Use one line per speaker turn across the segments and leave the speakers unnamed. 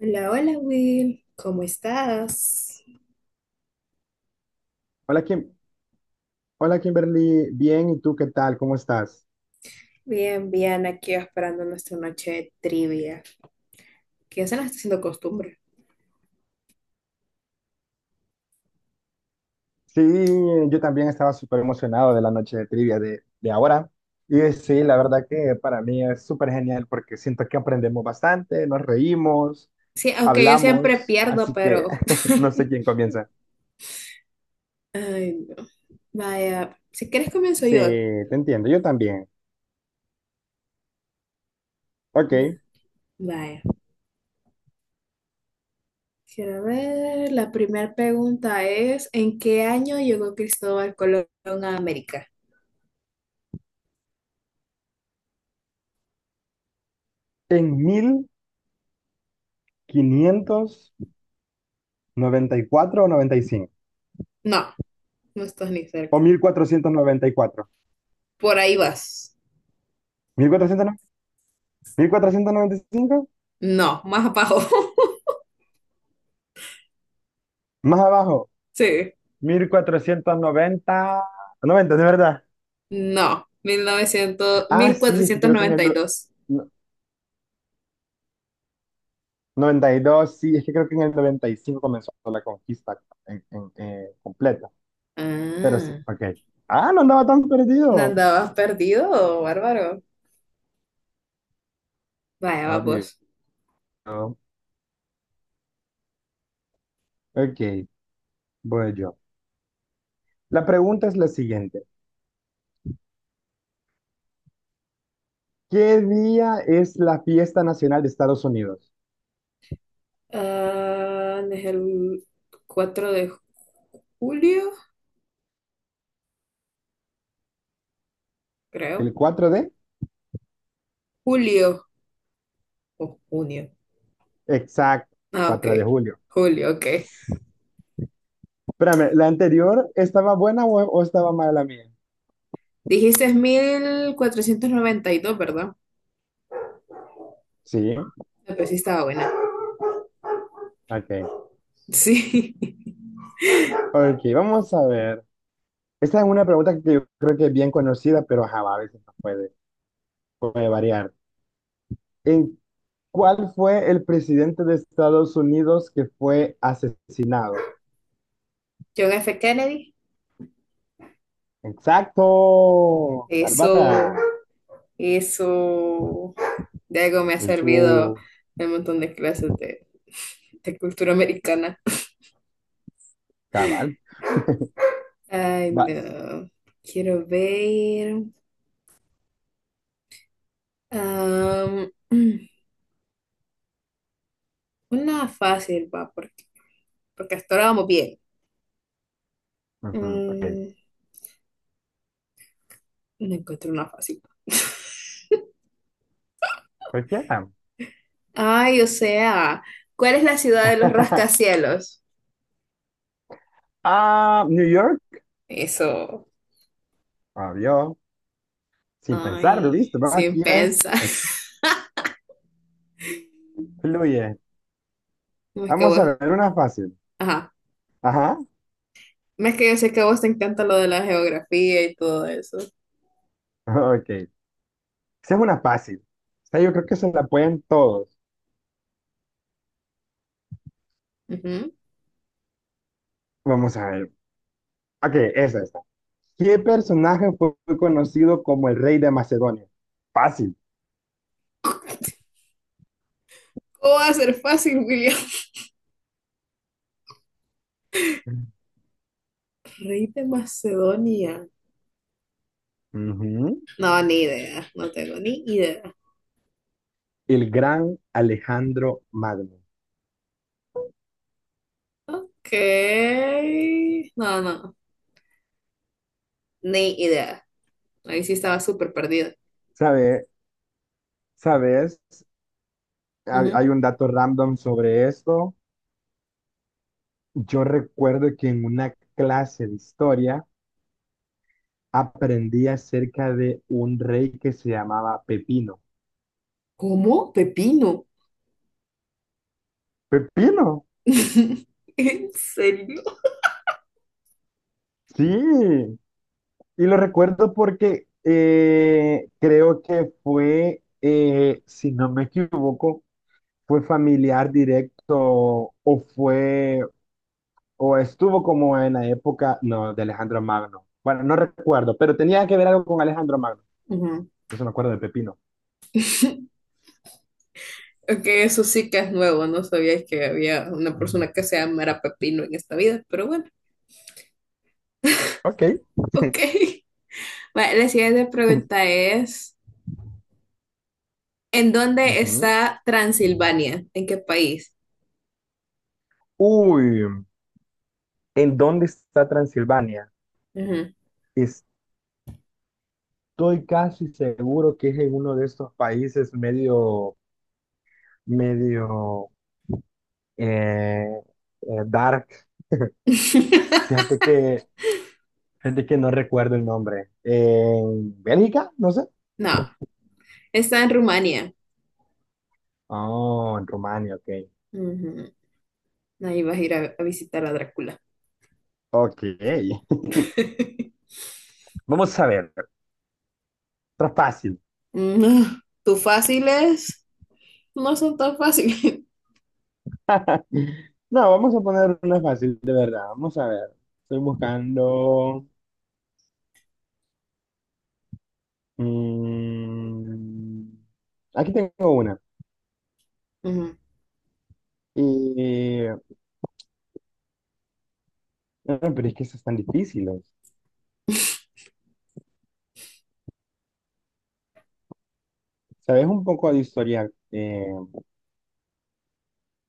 Hola, hola Will, ¿cómo estás?
Hola, Kim- Hola, Kimberly, bien. ¿Y tú qué tal? ¿Cómo estás?
Bien, bien, aquí esperando nuestra noche de trivia, que ya se nos está haciendo costumbre.
Sí, yo también estaba súper emocionado de la noche de trivia de ahora. Y sí, la verdad que para mí es súper genial porque siento que aprendemos bastante, nos reímos,
Sí, aunque yo siempre
hablamos,
pierdo,
así que
pero.
no sé quién comienza.
Ay, no. Vaya, si quieres comienzo
Sí,
yo.
te entiendo, yo también. Ok,
No, vaya, quiero ver, la primera pregunta es, ¿en qué año llegó Cristóbal Colón a América?
en 1594 o noventa y cinco,
No, no estás ni cerca.
o mil cuatrocientos noventa y cuatro,
Por ahí vas.
1495.
No, más abajo.
Más abajo.
Sí.
Mil cuatrocientos noventa, 90 de verdad.
No, Mil mil novecientos
Ah,
mil
sí, es que
cuatrocientos
creo que en el
noventa y dos.
no- 92 sí, es que creo que en el 95 comenzó la conquista completa. Pero sí,
Ah,
ok. Ah, no andaba tan
¿no
perdido.
andabas perdido, bárbaro? Vaya,
Obvio.
vamos.
Ok, voy yo. La pregunta es la siguiente. ¿Qué día es la fiesta nacional de Estados Unidos?
Ah, ¿no es el 4 de julio, creo?
¿El 4 de?
Julio o junio.
Exacto,
Ah, ok.
4 de julio.
Julio, ok.
Espérame, ¿la anterior estaba buena o estaba mala mía?
Dijiste es 1492, ¿verdad?
Sí,
Ah, pues sí estaba buena.
ok.
Sí.
Ok, vamos a ver. Esta es una pregunta que yo creo que es bien conocida, pero ajá, a veces no puede variar. ¿En cuál fue el presidente de Estados Unidos que fue asesinado?
John F. Kennedy.
Exacto,
Eso,
Bárbara.
eso. De algo me ha
En
servido
su...
un montón de clases de cultura americana.
Cabal,
Ay,
vas.
no. Quiero ver. am, una fácil, va, porque hasta ahora vamos bien.
Ujú, ok,
Mm, no encuentro una fácil.
cualquiera.
Ay, o sea, ¿cuál es la ciudad de los rascacielos?
Ah, New York,
Eso.
obvio. Sin pensarlo,
Ay,
viste. Vamos
sin
aquí, ven.
pensar.
Aquí fluye.
No es que
Vamos a
vos.
ver una fácil.
Ajá.
Ajá,
No es que yo sé que a vos te encanta lo de la geografía y todo eso.
ok. Esa es una fácil. O sea, yo creo que se la pueden todos.
Ujú.
Vamos a ver. Ok, esa está. ¿Qué personaje fue conocido como el rey de Macedonia? Fácil.
¿Cómo va a ser fácil, William? Rey de Macedonia.
Ujú.
No, ni idea. No tengo ni idea.
El gran Alejandro Magno.
Ok. No, no. Ni idea. Ahí sí estaba súper perdida.
¿Sabe, ¿Sabes? Hay,
Ujú.
hay un dato random sobre esto. Yo recuerdo que en una clase de historia aprendí acerca de un rey que se llamaba Pepino.
¿Cómo? Pepino.
¿Pepino?
¿En serio?
Sí. Y lo recuerdo porque creo que fue, si no me equivoco, fue familiar directo o fue, o estuvo como en la época, no, de Alejandro Magno. Bueno, no recuerdo, pero tenía que ver algo con Alejandro Magno.
Ujú.
No me acuerdo de Pepino.
Ok, eso sí que es nuevo. No sabía que había una persona que se llamara Pepino en esta vida, pero bueno.
Ok.
Ok. Vale, la siguiente pregunta es, ¿en dónde
Ujú.
está Transilvania? ¿En qué país?
Uy, ¿en dónde está Transilvania?
Ujú.
Estoy casi seguro que es en uno de estos países medio, medio, eh, dark. Fíjate que, fíjate que no recuerdo el nombre. ¿En Bélgica? No sé.
No, está en Rumania.
Oh, en Rumania, ok.
Ujú. Ahí vas a ir a visitar a Drácula.
Ok. Vamos a ver. Otra fácil.
No, tus fáciles no son tan fáciles.
No, vamos a poner una fácil, de verdad. Vamos a ver. Estoy buscando. mm, aquí tengo una.
Ujú.
Y, no, pero es que esas están difíciles. ¿Sabes un poco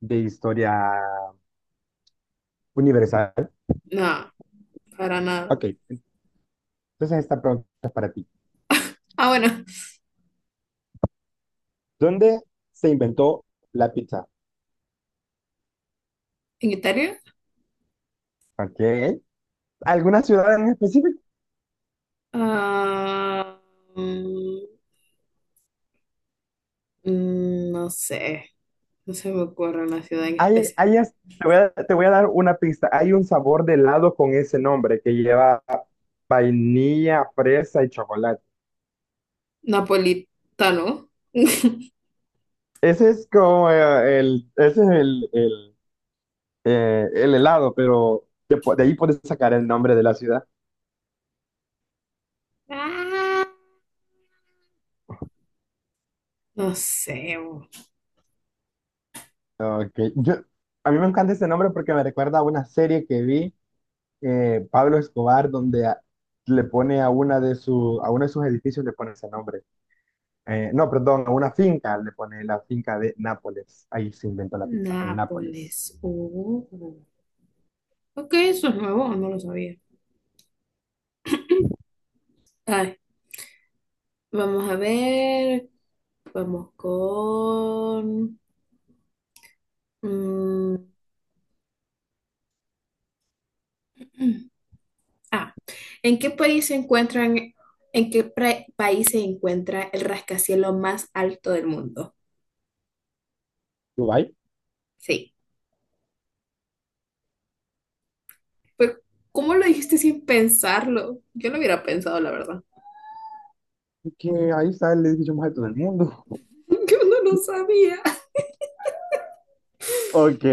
de historia universal?
No, para nada.
Ok. Entonces, esta pregunta es para ti.
Ah, bueno,
¿Dónde se inventó la pizza?
en Italia.
Ok. ¿Alguna ciudad en específico?
Ah, mm, no sé, no se me ocurre una ciudad en especial.
Te voy a dar una pista. Hay un sabor de helado con ese nombre que lleva vainilla, fresa y chocolate.
Napolitano.
Ese es como el, ese es el helado, pero de ahí puedes sacar el nombre de la ciudad.
Ah, no sé, oh,
Ok, yo, a mí me encanta ese nombre porque me recuerda a una serie que vi. Pablo Escobar, donde le pone a uno de sus edificios le pone ese nombre. No, perdón, a una finca le pone la finca de Nápoles. Ahí se inventó la pizza, en Nápoles.
Nápoles. Oh, ok, eso es nuevo, no lo sabía. Ay, vamos a ver. Vamos con. mm, ah, ¿en qué país se encuentran, país se encuentra el rascacielos más alto del mundo?
Dubái,
Sí. Pero, ¿cómo lo dijiste sin pensarlo? Yo lo hubiera pensado, la verdad.
que ahí está el edificio más alto del mundo.
Yo no lo sabía.
Ok.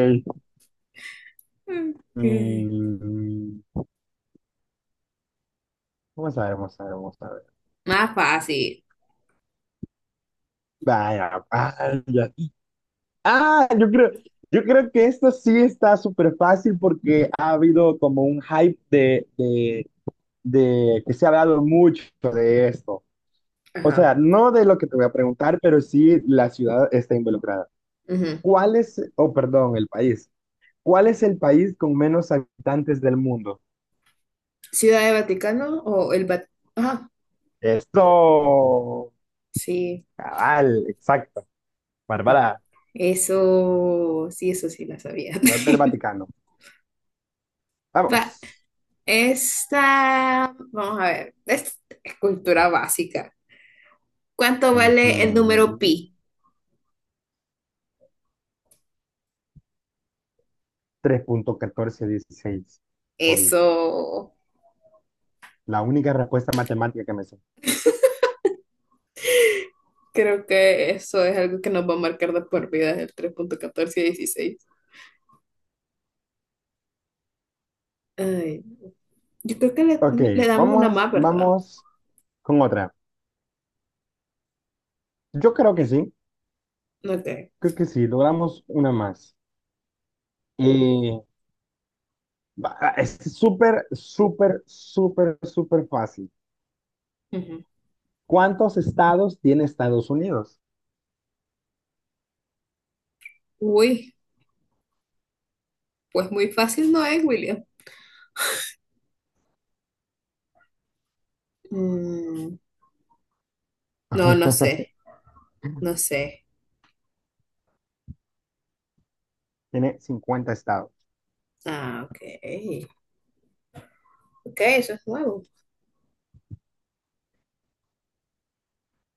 Ok.
Mm, vamos a ver, vamos a ver, vamos a ver.
Más fácil.
Vaya, vaya. Ah, yo creo que esto sí está súper fácil porque ha habido como un hype de que se ha hablado mucho de esto. O
Ajá.
sea, no de lo que te voy a preguntar, pero sí la ciudad está involucrada.
Ujú.
¿Cuál es, oh, perdón, el país? ¿Cuál es el país con menos habitantes del mundo?
Ciudad de Vaticano o el Vaticano. Ajá.
Esto,
Sí.
cabal, exacto. Bárbara,
Eso, sí, eso sí la sabía.
Ciudad del Vaticano.
Va,
Vamos.
esta, vamos a ver, esta es cultura básica. ¿Cuánto vale el número
Ujú.
pi?
3.1416, obvio.
Eso,
La única respuesta matemática que me sé.
creo que eso es algo que nos va a marcar de por vida el 3,1416. Ay, yo creo que le,
Ok,
le damos una
vamos,
más, ¿verdad?
vamos con otra. Yo
Ok.
creo que sí, logramos una más. Eh, Va, es súper, súper, súper, súper fácil.
Ujú.
¿Cuántos estados tiene Estados Unidos?
Uy, pues muy fácil no es, William. Mm, no, no sé, no sé.
Tiene 50 estados.
Ah, ok. Ok, eso es nuevo.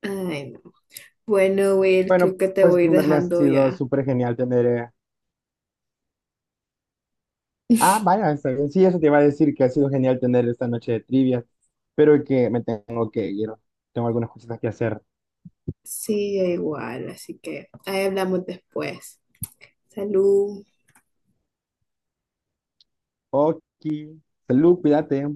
Ay, no. Bueno, Will,
Bueno,
creo que te
pues
voy a ir
Kimberly ha
dejando
sido
ya.
súper genial tener... Ah, vaya, está bien. Sí, eso te iba a decir que ha sido genial tener esta noche de trivia, pero que me tengo que ir. Tengo algunas cositas que hacer.
Sí, yo igual, así que ahí hablamos después. Salud.
Ok, salud, cuídate.